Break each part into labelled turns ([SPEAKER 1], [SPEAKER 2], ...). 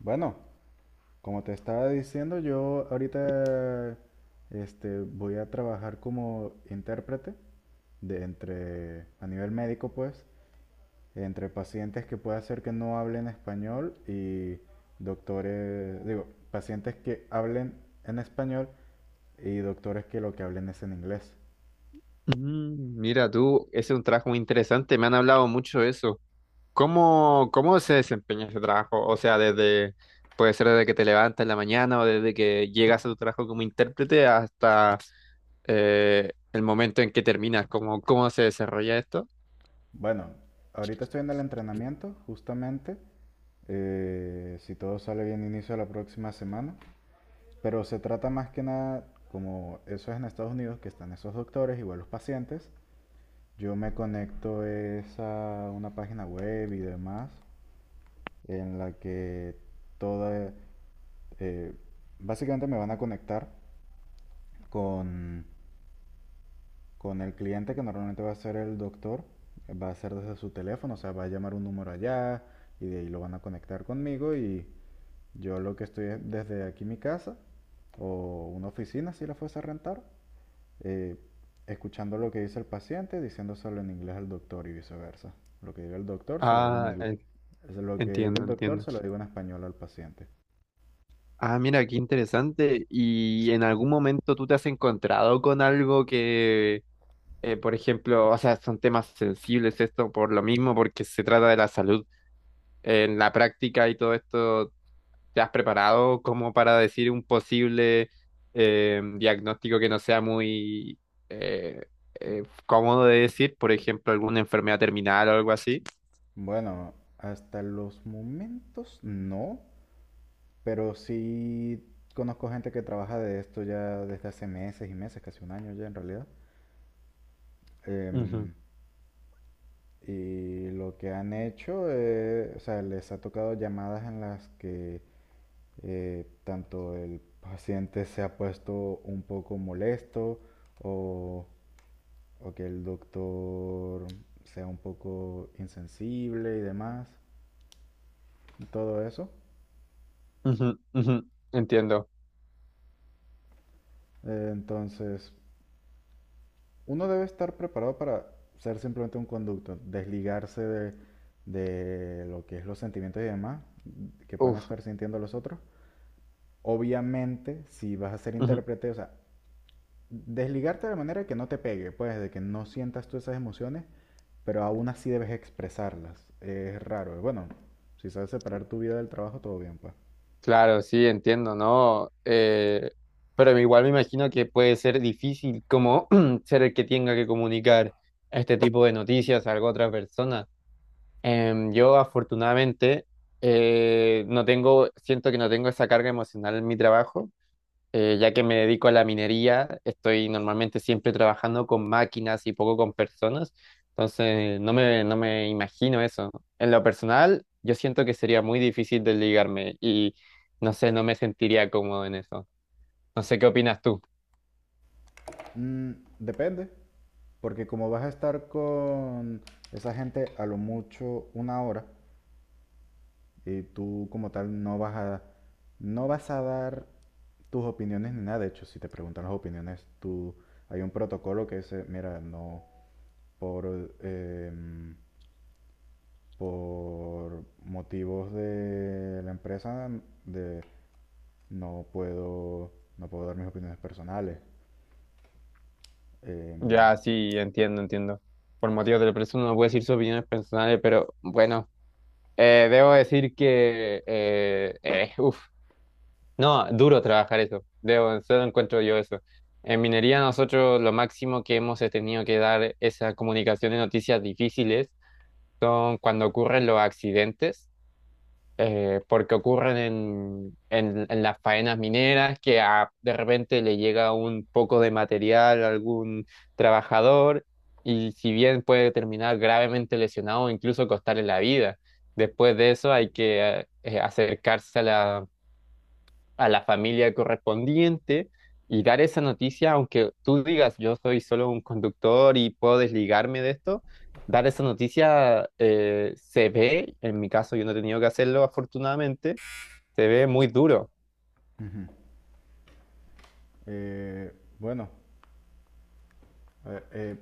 [SPEAKER 1] Bueno, como te estaba diciendo, yo ahorita voy a trabajar como intérprete a nivel médico pues, entre pacientes que puede ser que no hablen español y doctores, digo, pacientes que hablen en español y doctores que lo que hablen es en inglés.
[SPEAKER 2] Mm, mira tú, ese es un trabajo muy interesante, me han hablado mucho de eso. ¿Cómo se desempeña ese trabajo? O sea, desde, puede ser desde que te levantas en la mañana o desde que llegas a tu trabajo como intérprete hasta el momento en que terminas, ¿cómo se desarrolla esto?
[SPEAKER 1] Bueno, ahorita estoy en el entrenamiento, justamente. Si todo sale bien, inicio la próxima semana. Pero se trata más que nada, como eso es en Estados Unidos, que están esos doctores, igual los pacientes. Yo me conecto es a una página web y demás, en la que toda, eh, básicamente me van a conectar con, con el cliente que normalmente va a ser el doctor, va a ser desde su teléfono, o sea, va a llamar un número allá y de ahí lo van a conectar conmigo y yo lo que estoy es desde aquí mi casa o una oficina si la fuese a rentar, eh, escuchando lo que dice el paciente, diciéndoselo en inglés al doctor y viceversa. Lo que diga el doctor se lo digo en
[SPEAKER 2] Ah,
[SPEAKER 1] inglés.
[SPEAKER 2] en-
[SPEAKER 1] Lo que diga
[SPEAKER 2] Entiendo,
[SPEAKER 1] el doctor
[SPEAKER 2] entiendo.
[SPEAKER 1] se lo digo en español al paciente.
[SPEAKER 2] Ah, mira, qué interesante. ¿Y en algún momento tú te has encontrado con algo que, por ejemplo, o sea, son temas sensibles esto por lo mismo, porque se trata de la salud? En la práctica y todo esto, ¿te has preparado como para decir un posible diagnóstico que no sea muy eh, cómodo de decir? Por ejemplo, alguna enfermedad terminal o algo así.
[SPEAKER 1] Bueno, hasta los momentos no, pero sí conozco gente que trabaja de esto ya desde hace meses y meses, casi un año ya en realidad.
[SPEAKER 2] Ujú,
[SPEAKER 1] Em, y lo que han hecho, o sea, les ha tocado llamadas en las que tanto el paciente se ha puesto un poco molesto o, o que el doctor sea un poco insensible y demás, y todo eso.
[SPEAKER 2] ujú, ujú, entiendo.
[SPEAKER 1] Entonces, uno debe estar preparado para ser simplemente un conducto, desligarse de lo que es los sentimientos y demás que puedan
[SPEAKER 2] Uf,
[SPEAKER 1] estar sintiendo los otros. Obviamente, si vas a ser
[SPEAKER 2] ujú.
[SPEAKER 1] intérprete, o sea, desligarte de manera que no te pegue, pues, de que no sientas tú esas emociones, pero aún así debes expresarlas. Es raro. Bueno, si sabes separar tu vida del trabajo, todo bien, pues.
[SPEAKER 2] Claro, sí, entiendo, ¿no? Pero igual me imagino que puede ser difícil como ser el que tenga que comunicar este tipo de noticias a alguna otra persona. Yo afortunadamente no tengo, siento que no tengo esa carga emocional en mi trabajo, ya que me dedico a la minería, estoy normalmente siempre trabajando con máquinas y poco con personas, entonces no me imagino eso. En lo personal, yo siento que sería muy difícil desligarme y no sé, no me sentiría cómodo en eso. No sé qué opinas tú.
[SPEAKER 1] Mm, Depende, porque como vas a estar con esa gente a lo mucho una hora, y tú como tal no vas a dar tus opiniones ni nada. De hecho, si te preguntan las opiniones, tú, hay un protocolo que dice, mira, no, por... em, por motivos de la empresa de no puedo no puedo dar mis opiniones personales. Em,
[SPEAKER 2] Ya, sí, entiendo, entiendo. Por motivos de la persona no puedo decir sus opiniones personales, pero bueno. Debo decir que, uf, no, duro trabajar eso. Debo, solo encuentro yo eso. En minería nosotros lo máximo que hemos tenido que dar esa comunicación de noticias difíciles son cuando ocurren los accidentes porque ocurren en las faenas mineras, que de repente le llega un poco de material a algún trabajador y si bien puede terminar gravemente lesionado o incluso costarle la vida, después de eso hay que acercarse a la familia correspondiente y dar esa noticia, aunque tú digas yo soy solo un conductor y puedo desligarme de esto, dar esa noticia se ve, en mi caso yo no he tenido que hacerlo afortunadamente, se ve muy duro.
[SPEAKER 1] Ujú. Eh, bueno, eh, eh,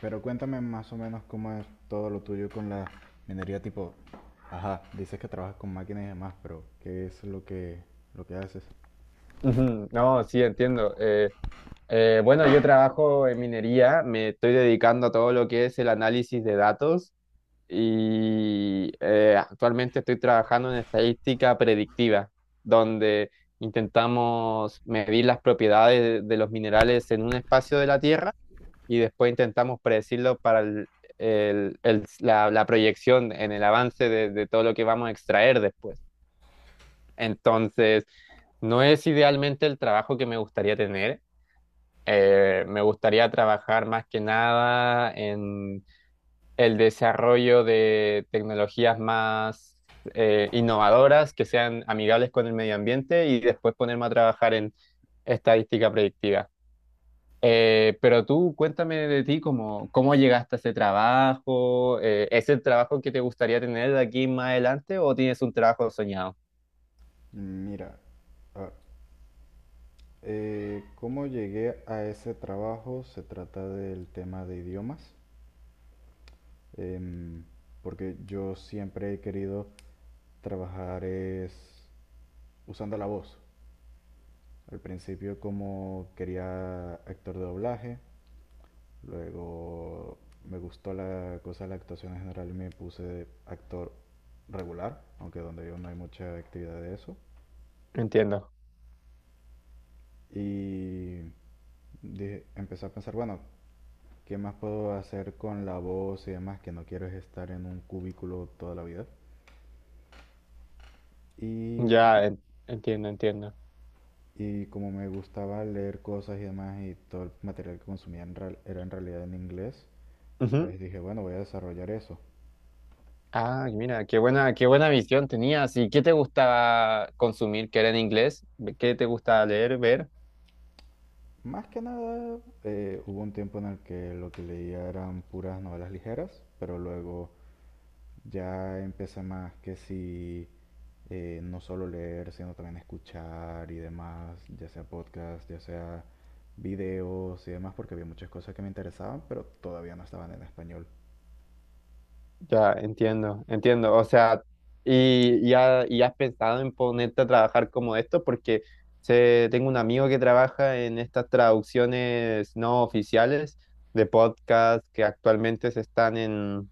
[SPEAKER 1] pero cuéntame más o menos cómo es todo lo tuyo con la minería tipo, ajá, dices que trabajas con máquinas y demás, pero ¿qué es lo que haces?
[SPEAKER 2] Ujú, no, sí, entiendo. Bueno, yo trabajo en minería, me estoy dedicando a todo lo que es el análisis de datos y actualmente estoy trabajando en estadística predictiva, donde intentamos medir las propiedades de los minerales en un espacio de la Tierra y después intentamos predecirlo para la proyección en el avance de todo lo que vamos a extraer después. Entonces, no es idealmente el trabajo que me gustaría tener. Me gustaría trabajar más que nada el desarrollo de tecnologías más innovadoras que sean amigables con el medio ambiente y después ponerme a trabajar en estadística predictiva. Pero tú cuéntame de ti, cómo llegaste a ese trabajo, ¿es el trabajo que te gustaría tener de aquí más adelante o tienes un trabajo soñado?
[SPEAKER 1] Mira, ah, ¿cómo llegué a ese trabajo? Se trata del tema de idiomas. em, Porque yo siempre he querido trabajar es usando la voz. Al principio como quería actor de doblaje, luego me gustó la cosa de la actuación en general y me puse de actor regular, aunque donde yo no hay mucha actividad de eso.
[SPEAKER 2] Entiendo,
[SPEAKER 1] Y empecé a pensar, bueno, ¿qué más puedo hacer con la voz y demás? Que no quiero es estar en un cubículo toda la vida. Y
[SPEAKER 2] entiendo, entiendo.
[SPEAKER 1] Y como me gustaba leer cosas y demás, y todo el material que consumía era en realidad en inglés,
[SPEAKER 2] Ujú.
[SPEAKER 1] pues dije, bueno, voy a desarrollar eso.
[SPEAKER 2] Ah, y mira, qué buena visión tenías. ¿Y qué te gustaba consumir que era en inglés? ¿Qué te gustaba leer, ver?
[SPEAKER 1] Más que nada, hubo un tiempo en el que lo que leía eran puras novelas ligeras, pero luego ya empecé más que si no solo leer, sino también escuchar y demás, ya sea podcast, ya sea videos y demás, porque había muchas cosas que me interesaban, pero todavía no estaban en español.
[SPEAKER 2] Ya, entiendo, entiendo. O sea, y has pensado en ponerte a trabajar como esto, porque sé, tengo un amigo que trabaja en estas traducciones no oficiales de podcast que actualmente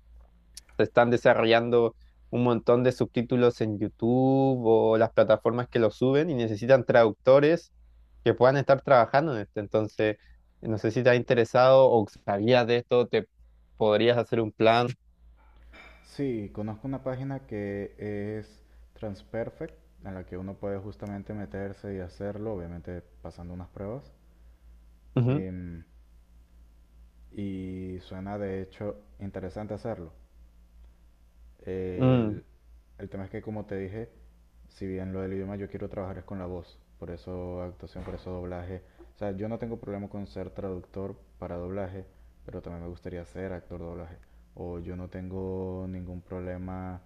[SPEAKER 2] se están desarrollando un montón de subtítulos en YouTube o las plataformas que los suben y necesitan traductores que puedan estar trabajando en esto. Entonces, no sé si te ha interesado o sabías de esto, te podrías hacer un plan.
[SPEAKER 1] Sí, conozco una página que es Transperfect, en la que uno puede justamente meterse y hacerlo, obviamente pasando unas pruebas. em, y suena de hecho interesante hacerlo.
[SPEAKER 2] Mm,
[SPEAKER 1] El, el tema es que, como te dije, si bien lo del idioma yo quiero trabajar es con la voz, por eso actuación, por eso doblaje. O sea, yo no tengo problema con ser traductor para doblaje, pero también me gustaría ser actor de doblaje. O yo no tengo ningún problema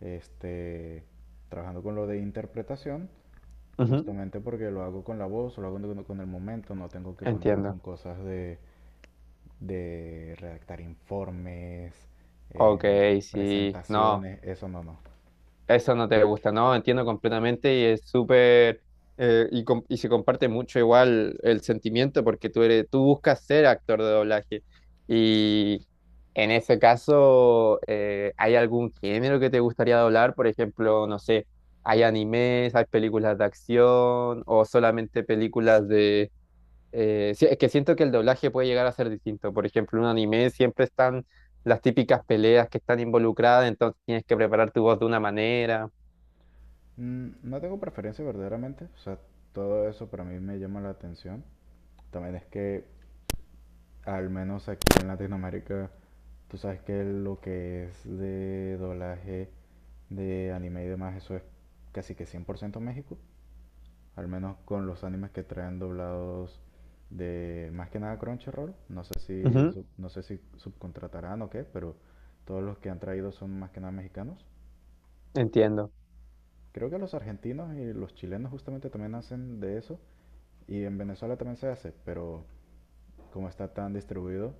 [SPEAKER 1] este, trabajando con lo de interpretación,
[SPEAKER 2] ujú,
[SPEAKER 1] justamente porque lo hago con la voz, lo hago con el momento, no tengo que ponerme con
[SPEAKER 2] entiendo.
[SPEAKER 1] cosas de redactar informes,
[SPEAKER 2] Ok,
[SPEAKER 1] em,
[SPEAKER 2] sí, no,
[SPEAKER 1] presentaciones, eso no, no.
[SPEAKER 2] eso no te gusta, no, entiendo completamente y es súper, y se comparte mucho igual el sentimiento porque tú eres, tú buscas ser actor de doblaje y en ese caso, ¿hay algún género que te gustaría doblar? Por ejemplo, no sé, ¿hay animes, hay películas de acción o solamente películas? Sí, es que siento que el doblaje puede llegar a ser distinto. Por ejemplo, en un anime siempre están las típicas peleas que están involucradas, entonces tienes que preparar tu voz de una manera.
[SPEAKER 1] No tengo preferencia verdaderamente, o sea, todo eso para mí me llama la atención. También es que, al menos aquí en Latinoamérica, tú sabes que lo que es de doblaje de anime y demás, eso es casi que 100% México. Al menos con los animes que traen doblados de más que nada Crunchyroll.
[SPEAKER 2] Ujú,
[SPEAKER 1] No sé si subcontratarán o qué, pero todos los que han traído son más que nada mexicanos.
[SPEAKER 2] entiendo.
[SPEAKER 1] Creo que los argentinos y los chilenos justamente también hacen de eso y en Venezuela también se hace, pero como está tan distribuido,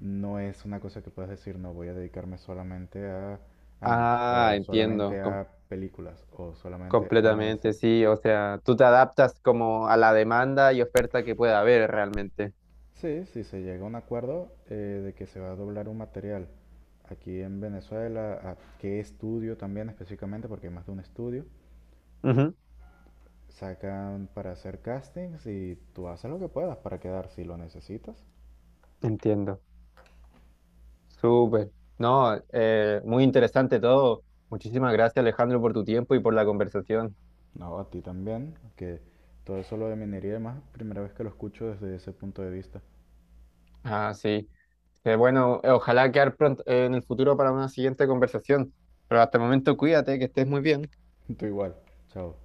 [SPEAKER 1] no es una cosa que puedas decir, no voy a dedicarme solamente a animes
[SPEAKER 2] Ah,
[SPEAKER 1] o
[SPEAKER 2] entiendo,
[SPEAKER 1] solamente a películas o solamente a
[SPEAKER 2] completamente,
[SPEAKER 1] series.
[SPEAKER 2] sí. O sea, tú te adaptas como a la demanda y oferta que pueda haber realmente.
[SPEAKER 1] Sí, si se llega a un acuerdo de que se va a doblar un material aquí en Venezuela, a qué estudio también específicamente, porque hay más de un estudio,
[SPEAKER 2] Ujú,
[SPEAKER 1] sacan para hacer castings y tú haces lo que puedas para quedar si lo necesitas.
[SPEAKER 2] entiendo. Súper. No, muy interesante todo. Muchísimas gracias, Alejandro, por tu tiempo y por la conversación.
[SPEAKER 1] No, a ti también, que todo eso lo de minería y demás, primera vez que lo escucho desde ese punto de vista.
[SPEAKER 2] Ah, sí. Que bueno, ojalá quedar pronto, en el futuro para una siguiente conversación. Pero hasta el momento, cuídate, que estés muy bien.
[SPEAKER 1] Tú igual, chao.